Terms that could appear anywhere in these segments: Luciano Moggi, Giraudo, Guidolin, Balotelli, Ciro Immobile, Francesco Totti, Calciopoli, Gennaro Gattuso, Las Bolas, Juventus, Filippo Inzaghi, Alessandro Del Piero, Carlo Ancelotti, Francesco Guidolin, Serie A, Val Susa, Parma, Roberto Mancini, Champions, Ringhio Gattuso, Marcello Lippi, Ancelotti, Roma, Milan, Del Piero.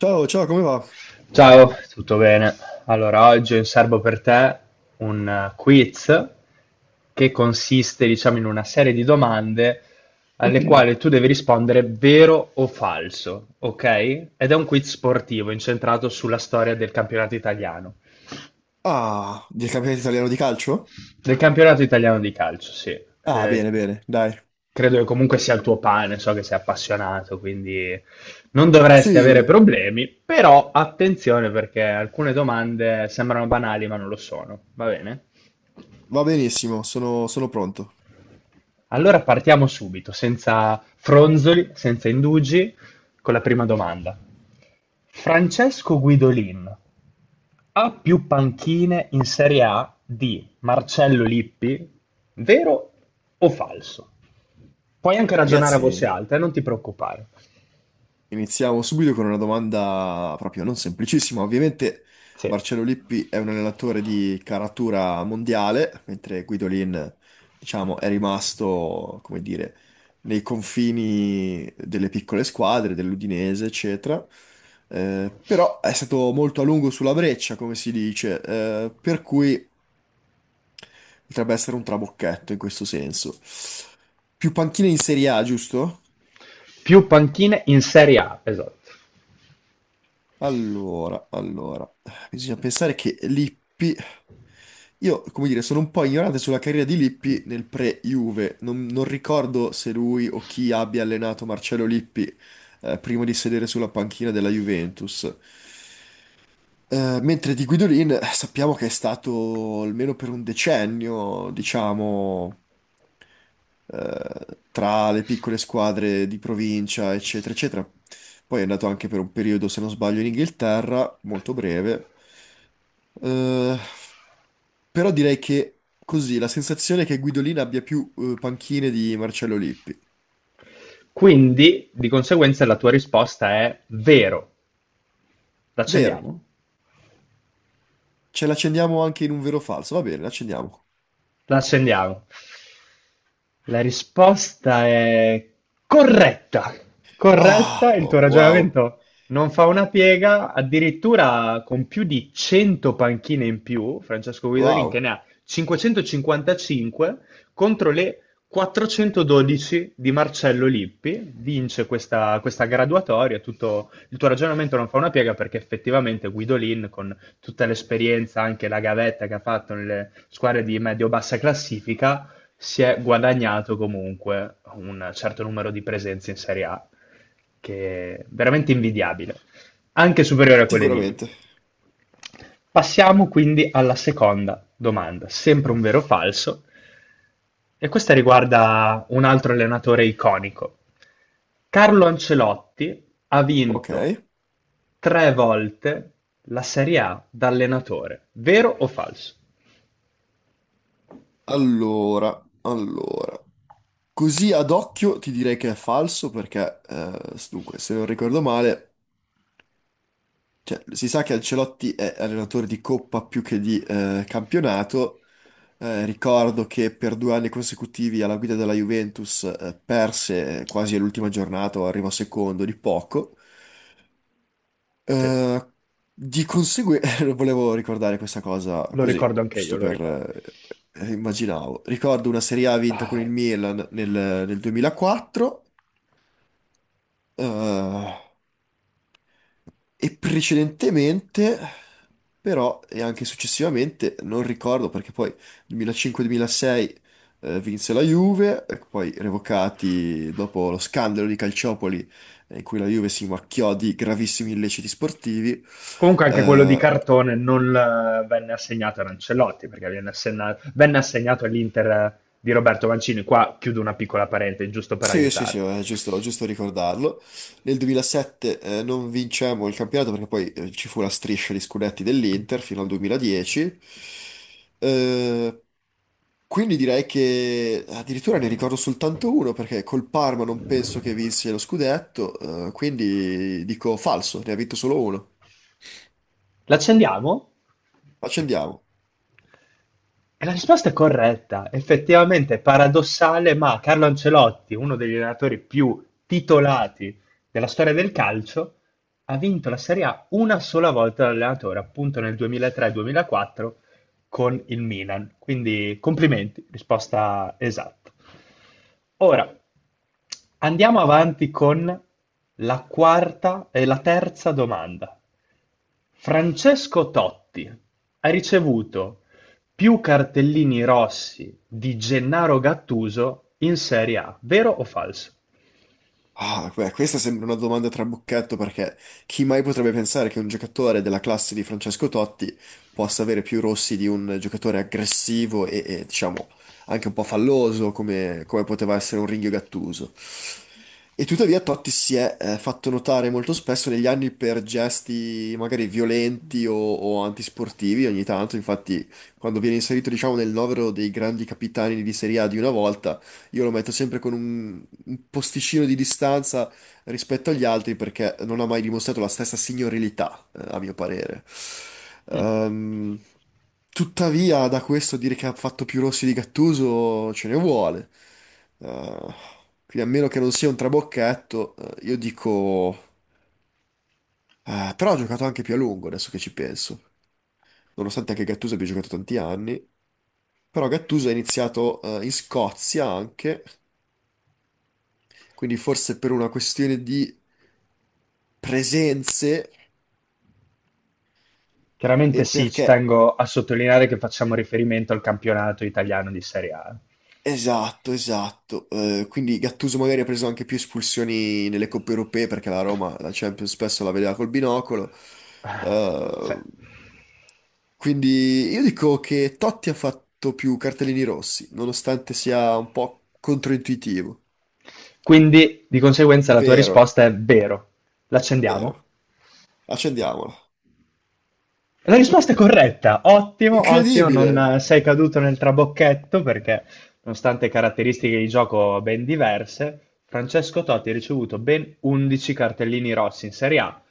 Ciao, ciao, come va? Ciao, tutto bene? Allora, oggi ho in serbo per te un quiz che consiste, diciamo, in una serie di domande alle quali tu devi rispondere vero o falso, ok? Ed è un quiz sportivo incentrato sulla storia del campionato italiano. Ah, del campionato italiano di calcio? Del campionato italiano di calcio, sì. Ah, Eh, bene, bene, dai. Credo che comunque sia il tuo pane, so che sei appassionato, quindi non dovresti avere Sì, problemi, però attenzione perché alcune domande sembrano banali ma non lo sono, va bene? va benissimo, sono pronto. Allora partiamo subito, senza fronzoli, senza indugi, con la prima domanda. Francesco Guidolin ha più panchine in Serie A di Marcello Lippi, vero o falso? Puoi anche ragionare a voce Ragazzi, alta, non ti preoccupare. iniziamo subito con una domanda proprio non semplicissima. Ovviamente Sì. Marcello Lippi è un allenatore di caratura mondiale, mentre Guidolin, diciamo, è rimasto, come dire, nei confini delle piccole squadre, dell'Udinese, eccetera. Però è stato molto a lungo sulla breccia, come si dice, per cui potrebbe essere un trabocchetto in questo senso. Più panchine in Serie A, giusto? Più panchine in Serie A, esatto. Allora, allora, bisogna pensare che Lippi, io come dire, sono un po' ignorante sulla carriera di Lippi nel pre-Juve, non ricordo se lui o chi abbia allenato Marcello Lippi prima di sedere sulla panchina della Juventus. Mentre di Guidolin sappiamo che è stato almeno per un decennio, diciamo tra le piccole squadre di provincia, eccetera, eccetera. Poi è andato anche per un periodo, se non sbaglio, in Inghilterra, molto breve. Eh, Però direi che così la sensazione è che Guidolin abbia più panchine di Marcello Lippi. Quindi, di conseguenza, la tua risposta è vero. Vero, L'accendiamo? ce l'accendiamo anche in un vero o falso. Va bene, l'accendiamo. L'accendiamo. La risposta è corretta. Corretta, Ah, il tuo oh, wow, ragionamento non fa una piega, addirittura con più di 100 panchine in più, Francesco Guidolin che wow, ne ha 555 contro le 412 di Marcello Lippi, vince questa, graduatoria, tutto il tuo ragionamento non fa una piega perché effettivamente Guidolin con tutta l'esperienza, anche la gavetta che ha fatto nelle squadre di medio-bassa classifica, si è guadagnato comunque un certo numero di presenze in Serie A, che è veramente invidiabile, anche superiore a quelle di sicuramente. Lippi. Passiamo quindi alla seconda domanda, sempre un vero o falso, e questa riguarda un altro allenatore iconico. Carlo Ancelotti ha Ok, vinto 3 volte la Serie A da allenatore, vero o falso? allora, allora. Così ad occhio ti direi che è falso perché, dunque, se non ricordo male, cioè, si sa che Ancelotti è allenatore di coppa più che di campionato. Ricordo che per due anni consecutivi alla guida della Juventus perse quasi all'ultima giornata, o arrivò secondo di poco. Sì, Eh, di conseguenza, volevo ricordare questa cosa lo così, ricordo anche io, giusto lo per... ricordo. Immaginavo. Ricordo una Serie A vinta con il Milan nel 2004. E precedentemente, però, e anche successivamente, non ricordo perché poi 2005-2006 vinse la Juve, poi revocati dopo lo scandalo di Calciopoli in cui la Juve si macchiò di gravissimi illeciti sportivi. Comunque anche quello di Eh, cartone non venne assegnato ad Ancelotti, perché venne assegnato all'Inter di Roberto Mancini. Qua chiudo una piccola parentesi, giusto per sì, sì, sì, aiutarti. è giusto, giusto ricordarlo. Nel 2007 non vincemmo il campionato perché poi ci fu la striscia di scudetti dell'Inter fino al 2010. Eh, Quindi direi che addirittura ne ricordo soltanto uno perché col Parma non penso che vinse lo scudetto, quindi dico falso, ne ha vinto solo uno. L'accendiamo? Accendiamo. E la risposta è corretta. Effettivamente è paradossale, ma Carlo Ancelotti, uno degli allenatori più titolati della storia del calcio, ha vinto la Serie A una sola volta da allenatore, appunto nel 2003-2004 con il Milan. Quindi complimenti, risposta esatta. Ora andiamo avanti con la quarta e la terza domanda. Francesco Totti ha ricevuto più cartellini rossi di Gennaro Gattuso in Serie A, vero o falso? Ah, beh, questa sembra una domanda trabocchetto perché chi mai potrebbe pensare che un giocatore della classe di Francesco Totti possa avere più rossi di un giocatore aggressivo e, diciamo, anche un po' falloso come poteva essere un Ringhio Gattuso. E tuttavia Totti si è fatto notare molto spesso negli anni per gesti magari violenti o antisportivi ogni tanto, infatti quando viene inserito diciamo nel novero dei grandi capitani di Serie A di una volta, io lo metto sempre con un posticino di distanza rispetto agli altri perché non ha mai dimostrato la stessa signorilità, a mio parere. Mm. Ehm, Tuttavia, da questo a dire che ha fatto più rossi di Gattuso ce ne vuole. Eh, quindi a meno che non sia un trabocchetto, io dico... però ha giocato anche più a lungo, adesso che ci penso. Nonostante anche Gattuso abbia giocato tanti anni. Però Gattuso ha iniziato in Scozia anche, quindi forse per una questione di presenze. E Chiaramente sì, ci perché? tengo a sottolineare che facciamo riferimento al campionato italiano di Serie A. Esatto, esatto. Quindi Gattuso magari ha preso anche più espulsioni nelle coppe europee perché la Roma, la Champions, spesso la vedeva col binocolo. Ah, sì. Eh, quindi io dico che Totti ha fatto più cartellini rossi, nonostante sia un po' controintuitivo. Quindi, di conseguenza, la tua Vero, risposta è vero. vero. L'accendiamo? Accendiamolo. La risposta è corretta, ottimo, ottimo, non Incredibile! Sei caduto nel trabocchetto perché, nonostante caratteristiche di gioco ben diverse, Francesco Totti ha ricevuto ben 11 cartellini rossi in Serie A,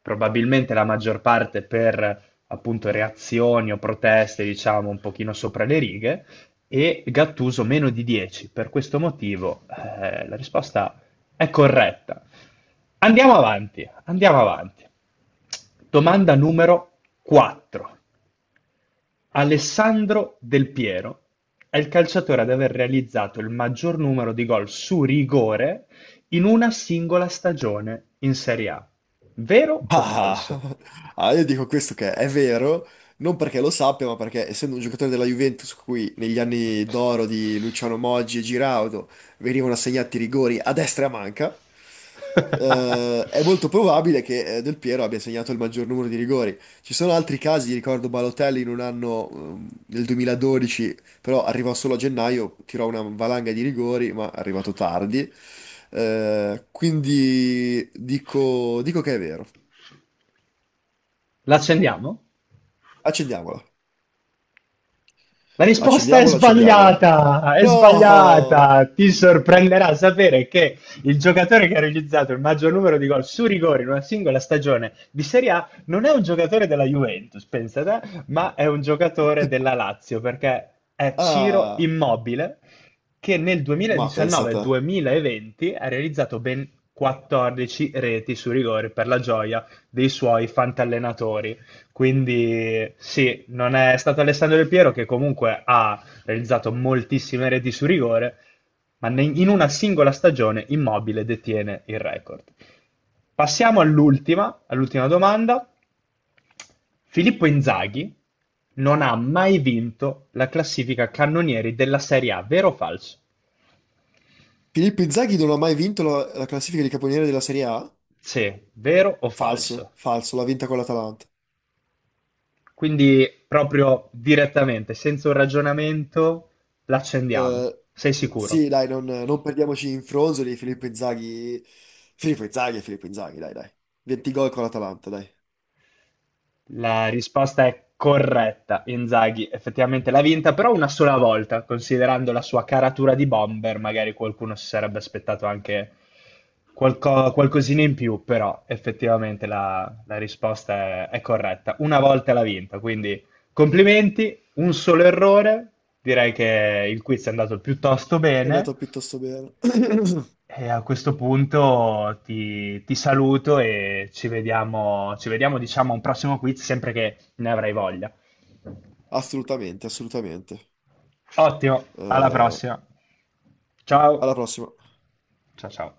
probabilmente la maggior parte per appunto reazioni o proteste, diciamo, un pochino sopra le righe, e Gattuso meno di 10. Per questo motivo, la risposta è corretta. Andiamo avanti, andiamo avanti. Domanda numero quattro. Alessandro Del Piero è il calciatore ad aver realizzato il maggior numero di gol su rigore in una singola stagione in Serie A. Vero o Ah, falso? ah, io dico questo che è vero, non perché lo sappia, ma perché essendo un giocatore della Juventus, cui negli anni d'oro di Luciano Moggi e Giraudo venivano assegnati rigori a destra e a manca, è molto probabile che Del Piero abbia segnato il maggior numero di rigori. Ci sono altri casi, ricordo Balotelli in un anno, nel 2012, però arrivò solo a gennaio, tirò una valanga di rigori, ma è arrivato tardi. Quindi dico che è vero. L'accendiamo? Accendiamola. La risposta è Accendiamola, accendiamola. sbagliata, è No! sbagliata. Ti sorprenderà sapere che il giocatore che ha realizzato il maggior numero di gol su rigore in una singola stagione di Serie A non è un giocatore della Juventus, pensate, ma è un giocatore della Lazio, perché è Ciro Ah, Immobile, che nel ma pensa a te. 2019-2020 ha realizzato ben 14 reti su rigore per la gioia dei suoi fantallenatori. Quindi sì, non è stato Alessandro Del Piero che comunque ha realizzato moltissime reti su rigore, ma in una singola stagione Immobile detiene il record. Passiamo all'ultima, all'ultima domanda. Filippo Inzaghi non ha mai vinto la classifica cannonieri della Serie A, vero o falso? Filippo Inzaghi non ha mai vinto la classifica di caponiere della Serie A? Sì, vero o Falso, falso? falso, l'ha vinta con l'Atalanta. Quindi proprio direttamente, senza un ragionamento, l'accendiamo. Eh, Sei sì, sicuro? dai, non perdiamoci in fronzoli, Filippo Inzaghi... Filippo Inzaghi è Filippo Inzaghi, dai, dai. 20 gol con l'Atalanta, dai. La risposta è corretta. Inzaghi effettivamente l'ha vinta, però una sola volta, considerando la sua caratura di bomber, magari qualcuno si sarebbe aspettato anche qualcosina in più, però effettivamente la risposta è corretta. Una volta l'ha vinta, quindi complimenti, un solo errore. Direi che il quiz è andato piuttosto È bene. andato piuttosto bene. E a questo punto ti saluto e ci vediamo, diciamo, a un prossimo quiz, sempre che ne avrai voglia. Assolutamente, assolutamente. Ottimo, alla Eh, prossima. alla Ciao. prossima. Ciao ciao.